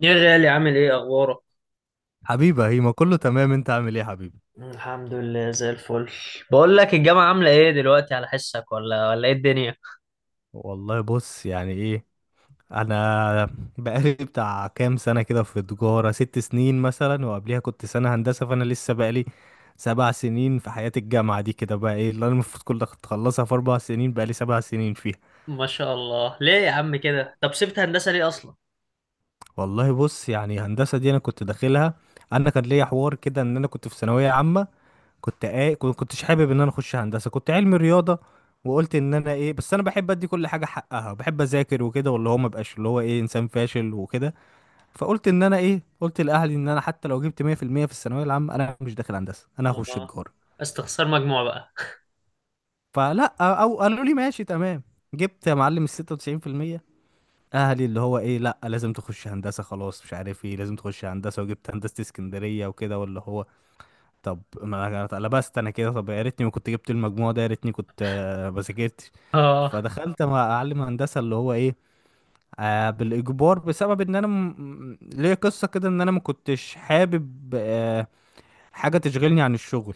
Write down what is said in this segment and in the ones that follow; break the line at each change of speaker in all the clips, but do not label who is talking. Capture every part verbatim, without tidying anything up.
يا غالي، عامل ايه؟ اخبارك؟
حبيبة، هي ما كله تمام. انت عامل ايه يا حبيبي؟
الحمد لله زي الفل. بقول لك الجامعة عاملة ايه دلوقتي على حسك، ولا ولا ايه الدنيا؟
والله بص، يعني ايه، انا بقالي بتاع كام سنة كده في تجارة ست سنين مثلا، وقبليها كنت سنة هندسة، فانا لسه بقالي سبع سنين في حياة الجامعة دي، كده بقى ايه اللي انا المفروض كنت اخلصها في اربع سنين بقالي سبع سنين فيها.
ما شاء الله، ليه يا عم كده؟ طب سبت هندسة ليه اصلا؟
والله بص، يعني هندسة دي انا كنت داخلها. انا كان ليا حوار كده ان انا كنت في ثانوية عامة، كنت ايه، كنت- كنتش حابب ان انا اخش هندسه، كنت علمي رياضه. وقلت ان انا ايه، بس انا بحب ادي كل حاجه حقها، بحب اذاكر وكده، واللي هو ما بقاش اللي هو ايه انسان فاشل وكده. فقلت ان انا ايه، قلت لاهلي ان انا حتى لو جبت مية في المية في المية في الثانويه العامه انا مش داخل هندسه، انا هخش
اه،
تجاره.
استخسار مجموع بقى.
فلا، او قالوا لي ماشي تمام. جبت يا معلم ال ستة وتسعين في المية. اهلي اللي هو ايه، لا لازم تخش هندسه، خلاص مش عارف ايه، لازم تخش هندسه. وجبت هندسه اسكندريه وكده واللي هو، طب ما أنا اتقلبست انا كده، طب يا ريتني ما كنت جبت المجموع ده، يا ريتني كنت آه، ما ذاكرتش.
اه.
فدخلت مع اعلم هندسه اللي هو ايه، آه بالاجبار، بسبب ان انا م... م- ليا قصه كده ان انا ما كنتش حابب آه حاجه تشغلني عن الشغل.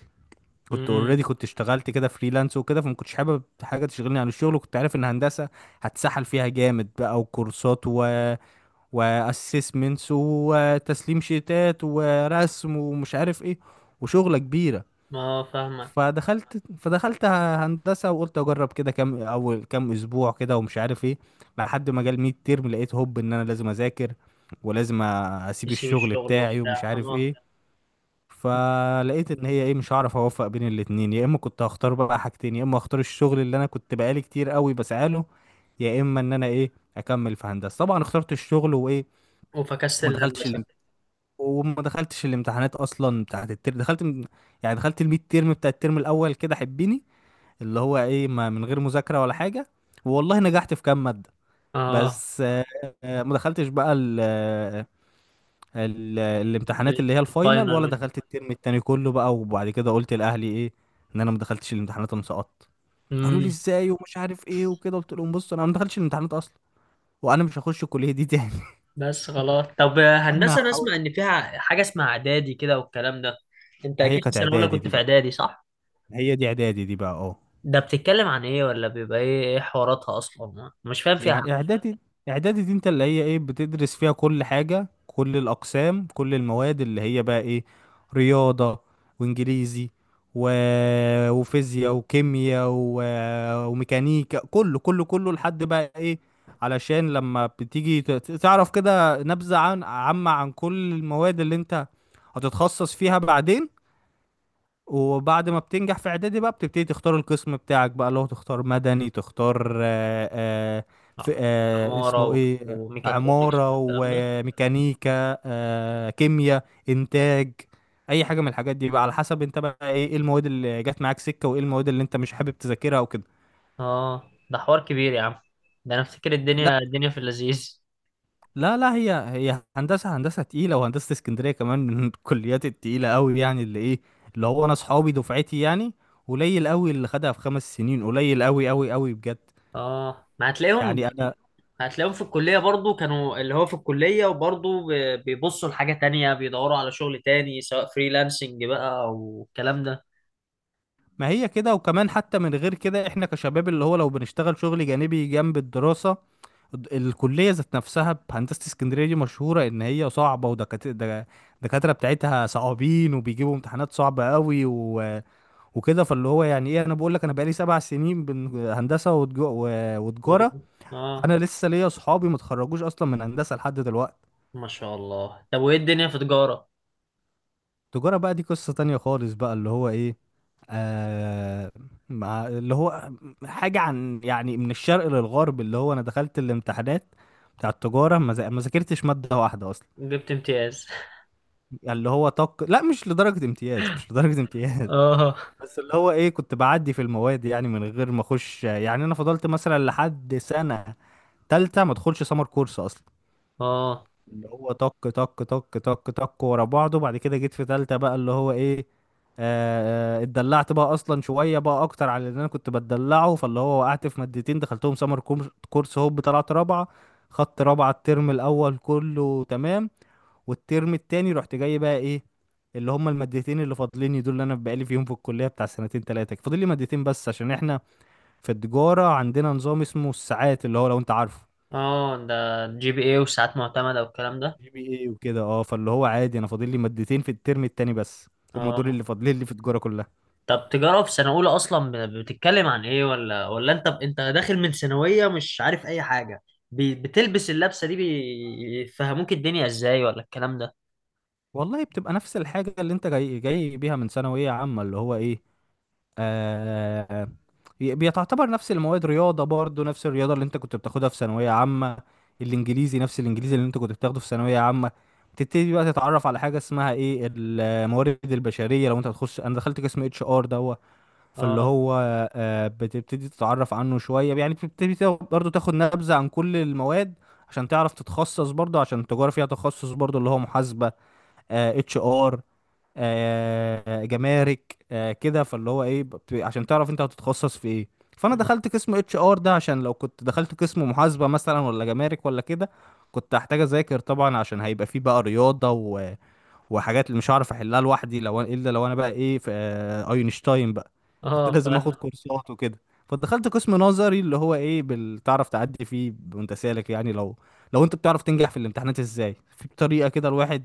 كنت
امم
اوريدي كنت اشتغلت كده فريلانس وكده، فما كنتش حابب حاجه تشغلني عن الشغل، وكنت عارف ان هندسه هتسحل فيها جامد بقى، وكورسات و واسسمنتس وتسليم شيتات ورسم ومش عارف ايه وشغله كبيره.
ما فاهمك.
فدخلت فدخلت هندسة وقلت اجرب كده كام اول كام اسبوع كده ومش عارف ايه، لحد ما جال ميد ترم لقيت هوب ان انا لازم اذاكر ولازم اسيب
تسيب
الشغل
الشغل
بتاعي ومش
وبتاع،
عارف
اه.
ايه. فلقيت ان هي ايه، مش هعرف اوفق بين الاتنين، يا اما كنت هختار بقى حاجتين، يا اما هختار الشغل اللي انا كنت بقالي كتير قوي بسعاله، يا اما ان انا ايه اكمل في هندسة. طبعا اخترت الشغل وايه،
وفكست
وما دخلتش
الهندسة.
الامت... وما دخلتش الامتحانات اصلا بتاعت الترم. دخلت، يعني دخلت الميد ترم بتاع الترم الاول كده حبيني، اللي هو ايه ما من غير مذاكرة ولا حاجة، والله نجحت في كام مادة.
اه.
بس آه، آه، ما دخلتش بقى ال ال الامتحانات
ال-
اللي هي الفاينل، ولا
الفاينل.
دخلت الترم التاني كله بقى. وبعد كده قلت لاهلي ايه، ان انا ما دخلتش الامتحانات، انا سقطت. قالوا لي
امم
ازاي ومش عارف ايه وكده، قلت لهم بص انا ما دخلتش الامتحانات اصلا، وانا مش هخش الكلية دي تاني.
بس خلاص. طب
انا
هندسة انا اسمع
هحاول.
ان فيها حاجة اسمها اعدادي كده والكلام ده. انت
ما هي
اكيد في
كانت
سنة اولى
اعدادي
كنت
دي
في
بقى،
اعدادي، صح؟
ما هي دي اعدادي دي بقى اه.
ده بتتكلم عن ايه؟ ولا بيبقى ايه؟ ايه حواراتها اصلا؟ مش فاهم فيها حاجه.
يعني اعدادي، اعدادي دي انت اللي هي ايه بتدرس فيها كل حاجة، كل الاقسام، كل المواد اللي هي بقى ايه، رياضة وانجليزي و... وفيزياء وكيمياء و... وميكانيكا، كله كله كله، لحد بقى ايه، علشان لما بتيجي ت- ت- تعرف كده نبذة عن عامة عن كل المواد اللي انت هتتخصص فيها بعدين. وبعد ما بتنجح في اعدادي بقى بتبتدي تختار القسم بتاعك بقى، اللي هو تختار مدني، تختار آه، آه، في،
آه،
آه،
عماره
اسمه
و-
ايه،
وميكاترونكس
عمارة
والكلام ده.
وميكانيكا آه، كيمياء انتاج، اي حاجة من الحاجات دي بقى على حسب انت بقى ايه إيه المواد اللي جت معاك سكة، وايه المواد اللي انت مش حابب تذاكرها وكده.
اه، ده حوار كبير يا عم، ده انا افتكر
لا
الدنيا الدنيا في اللذيذ.
لا لا، هي هي هندسة، هندسة تقيلة، وهندسة اسكندرية كمان من الكليات التقيلة قوي، يعني اللي ايه، اللي هو انا صحابي دفعتي، يعني قليل قوي اللي خدها في خمس سنين، قليل قوي قوي قوي بجد.
اه، ما هتلاقيهم.
يعني انا،
هتلاقيهم في الكليه برضو، كانوا اللي هو في الكليه، وبرضو ب- بيبصوا لحاجه تانية، بيدوروا على شغل تاني سواء فريلانسنج بقى او الكلام ده.
ما هي كده، وكمان حتى من غير كده احنا كشباب اللي هو لو بنشتغل شغل جانبي جنب الدراسة، الد- الكلية ذات نفسها بهندسة اسكندرية دي مشهورة ان هي صعبة، ودكاترة، الدكاترة بتاعتها صعبين وبيجيبوا امتحانات صعبة قوي وكده. فاللي هو يعني ايه، انا بقول لك انا بقالي سبع سنين بن- هندسه وتج- و-
و-
وتجاره.
اه.
انا لسه ليا صحابي ما اتخرجوش اصلا من هندسه لحد دلوقتي.
ما شاء الله. طب وايه الدنيا في تجاره؟
تجاره بقى دي قصه تانية خالص بقى، اللي هو ايه، آه مع اللي هو، حاجه عن يعني من الشرق للغرب، اللي هو انا دخلت الامتحانات بتاع التجاره، ما ذا- ما ذاكرتش ماده واحده اصلا،
جبت امتياز
يعني اللي هو طق، لا مش لدرجه امتياز، مش لدرجه امتياز.
اه.
بس اللي هو ايه كنت بعدي في المواد، يعني من غير ما اخش يعني، انا فضلت مثلا لحد سنه تالتة ما تدخلش سمر كورس اصلا،
اه.
اللي هو طق طق طق طق طق ورا بعضه. بعد كده جيت في تالتة بقى اللي هو ايه، آه آه، اتدلعت بقى اصلا شوية بقى اكتر على اللي انا كنت بتدلعه، فاللي هو وقعت في مادتين دخلتهم سمر كورس كورس هوب طلعت رابعة. خدت رابعة الترم الاول كله تمام، والترم التاني رحت جاي بقى ايه، اللي هما المادتين اللي فاضليني دول اللي انا بقالي فيهم في الكلية بتاع سنتين تلاتة، فاضل لي مادتين بس عشان احنا في التجارة عندنا نظام اسمه الساعات اللي هو لو انت عارفه،
اه، ده جي بي ايه وساعات معتمدة والكلام ده.
جي بي اي وكده. اه، فاللي هو عادي انا فاضل لي مادتين في الترم التاني بس، هم دول
اه.
اللي فاضلين لي في التجاره كلها.
طب تجارة في سنة أولى أصلا ب- بتتكلم عن إيه؟ ولا ولا أنت أنت داخل من ثانوية مش عارف أي حاجة؟ بي- بتلبس اللبسة دي بيفهموك الدنيا إزاي ولا الكلام ده؟
والله بتبقى نفس الحاجه اللي انت جاي جاي بيها من ثانويه عامه، اللي هو ايه، آه بيتعتبر نفس المواد، رياضه برضو نفس الرياضه اللي انت كنت بتاخدها في ثانويه عامه، الانجليزي نفس الانجليزي اللي انت كنت بتاخده في ثانويه عامه. بتبتدي بقى تتعرف على حاجه اسمها ايه الموارد البشريه، لو انت هتخش، انا دخلت قسم اتش ار ده، فاللي
اه.
هو آه، بتبتدي تتعرف عنه شوية، يعني بتبتدي تا- برضه تاخد نبذة عن كل المواد عشان تعرف تتخصص برضه، عشان التجارة فيها تخصص برضه اللي هو محاسبة، اتش ار، جمارك، آه، كده. فاللي هو ايه بت- عشان تعرف انت هتتخصص في ايه. فانا دخلت قسم اتش ار ده، عشان لو كنت دخلت قسم محاسبة مثلا ولا جمارك ولا كده كنت هحتاج اذاكر طبعا، عشان هيبقى فيه بقى رياضة وحاجات اللي مش هعرف احلها لوحدي، لو أنا- الا لو انا بقى ايه في آه، اينشتاين بقى، كنت
اه
لازم اخد
فاهمك.
كورسات وكده. فدخلت قسم نظري اللي هو ايه بال- تعرف تعدي فيه وانت سالك، يعني لو لو انت بتعرف تنجح في الامتحانات ازاي، في طريقة كده الواحد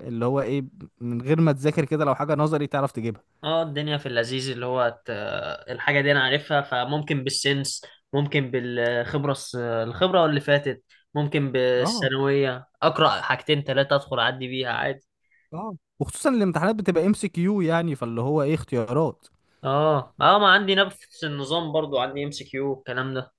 اللي هو ايه من غير ما تذاكر كده، لو حاجة نظري تعرف تجيبها.
اه، الدنيا في اللذيذ اللي هو ت- الحاجة دي أنا عارفها، فممكن بالسنس، ممكن بالخبرة، الس- الخبرة اللي فاتت. ممكن
اه
بالثانوية أقرأ حاجتين تلاتة أدخل أعدي بيها عادي.
اه، وخصوصا الامتحانات بتبقى ام سي كيو، يعني فاللي هو ايه اختيارات،
اه. اه، ما عندي نفس النظام برضو، عندي ام سي كيو الكلام ده.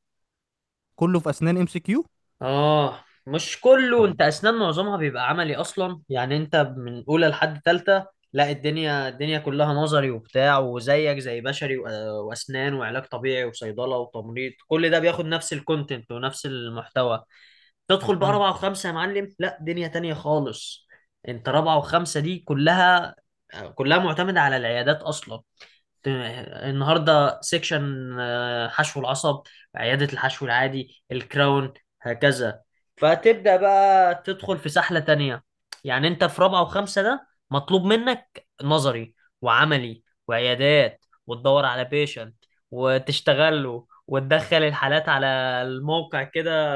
كله في اسنان ام سي كيو.
اه مش كله.
طب،
انت اسنان معظمها بيبقى عملي اصلا، يعني انت من اولى لحد تالتة. لا، الدنيا الدنيا كلها نظري وبتاع، وزيك زي بشري وأ- واسنان وعلاج طبيعي وصيدلة وتمريض، كل ده بياخد نفس الكونتنت ونفس المحتوى. تدخل بقى
مم.
رابعة وخمسة يا معلم، لا دنيا تانية خالص. انت رابعة وخمسة دي كلها، كلها معتمدة على العيادات اصلا. النهارده سيكشن آه، حشو العصب، عياده الحشو العادي، الكراون، هكذا. فتبدا بقى تدخل في سحله تانية. يعني انت في رابعه وخمسه ده مطلوب منك نظري وعملي وعيادات، وتدور على بيشنت وتشتغله وتدخل الحالات على الموقع كده،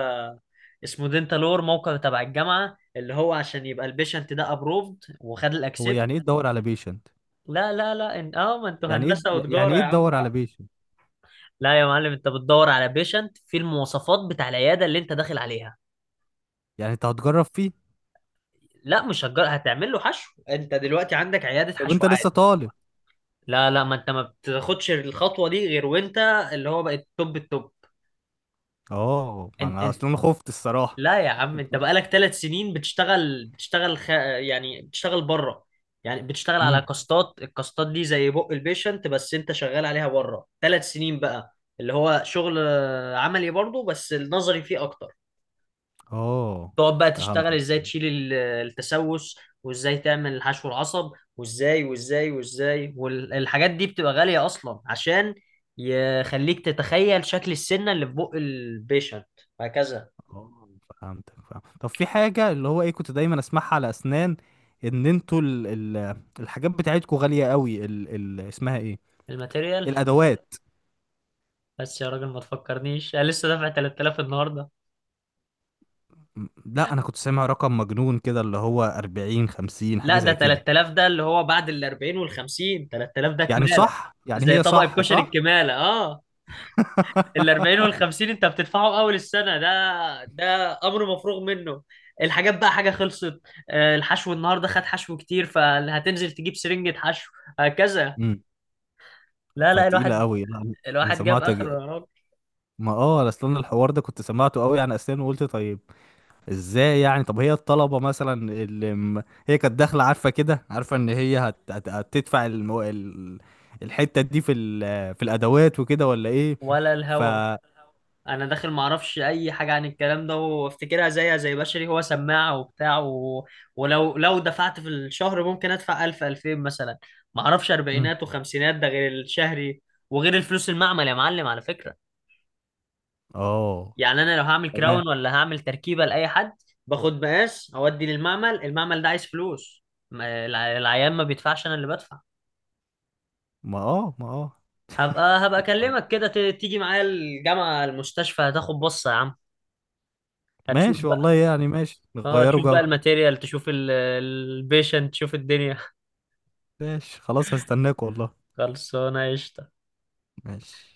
اسمه دينتالور، موقع تبع الجامعه اللي هو عشان يبقى البيشنت ده ابروفد وخد
هو
الاكسبت.
يعني ايه تدور على بيشنت؟
لا لا لا، إن... اه، ما انتوا
يعني ايه
هندسه
يعني
وتجاره
ايه
يا عم.
تدور على بيشنت؟
لا يا معلم، انت بتدور على بيشنت في المواصفات بتاع العياده اللي انت داخل عليها.
يعني انت هتجرب فيه؟
لا، مش هتجر... هتعمل له حشو، انت دلوقتي عندك عياده
طب انت
حشوات.
لسه طالب.
لا لا، ما انت ما بتاخدش الخطوه دي غير وانت اللي هو بقت توب التوب.
اه، ما
انت
انا
انت
اصلا خفت الصراحه.
لا يا عم، انت بقالك ثلاث سنين بتشتغل، بتشتغل خ... يعني بتشتغل بره، يعني بتشتغل
امم.
على كاستات. الكاستات دي زي بق البيشنت، بس انت شغال عليها بره ثلاث سنين بقى. اللي هو شغل عملي برضه، بس النظري فيه اكتر.
اه
تقعد بقى تشتغل
فهمتك.
ازاي تشيل ال- التسوس، وازاي تعمل حشو العصب، وازاي والازاي والازاي. والحاجات دي بتبقى غالية اصلا عشان يخليك تتخيل شكل السنة اللي في بق البيشنت، وهكذا.
اه فهمتك، فهم. طب في حاجه اللي هو ايه كنت دايما اسمعها على اسنان، ان انتوا ال ال الحاجات بتاعتكوا غاليه قوي، ال ال اسمها ايه،
الماتيريال.
الادوات.
بس يا راجل ما تفكرنيش، انا لسه دافع ثلاثة آلاف النهارده.
م- لا انا كنت سامع رقم مجنون كده اللي هو اربعين خمسين حاجه
لا، ده
زي كده،
تلات آلاف ده اللي هو بعد ال اربعين وال خمسين. ثلاثة آلاف ده
يعني
كمالة،
صح، يعني
زي
هي
طبق
صح
الكشري
صح.
الكمالة. اه، ال اربعين وال خمسين انت بتدفعه اول السنه ده، ده امر مفروغ منه. الحاجات بقى حاجه خلصت، آه، الحشو النهارده خد حشو كتير فهتنزل تجيب سرنجه حشو، هكذا.
امم.
لا لا،
فتقيله
الواحد،
قوي، لا انا
الواحد جاب
سمعت،
اخره يا راجل.
ما اه اصلا الحوار ده كنت سمعته قوي عن اسنان، وقلت طيب ازاي يعني؟ طب هي الطلبة مثلا اللي م- هي كانت داخلة عارفة كده، عارفة ان هي هت... هت... هتدفع المو... ال... الحتة دي في ال... في الادوات وكده ولا ايه؟
ولا
ف
الهوا. انا داخل ما اعرفش اي حاجه عن الكلام ده، وافتكرها زيها زي بشري، هو سماعه وبتاع و... ولو لو دفعت في الشهر ممكن ادفع ألف ألفين مثلا. ما اعرفش
مم.
اربعينات وخمسينات، ده غير الشهري، وغير الفلوس المعمل يا معلم على فكره.
اه
يعني انا لو هعمل
تمام.
كراون ولا هعمل تركيبه لاي حد، باخد مقاس اودي للمعمل، المعمل ده عايز فلوس. ما- الع- العيان ما بيدفعش، انا اللي بدفع.
ما اه ما اه
هبقى هبقى
يلا.
اكلمك كده، ت- تيجي معايا الجامعه المستشفى هتاخد بصه يا عم. هتشوف
ماشي
بقى.
والله، يعني ماشي
اه،
نغيروا
تشوف بقى
جو.
الماتيريال، تشوف البيشنت، تشوف الدنيا
ماشي خلاص هستناك والله.
خلصانه قشطه.
ماشي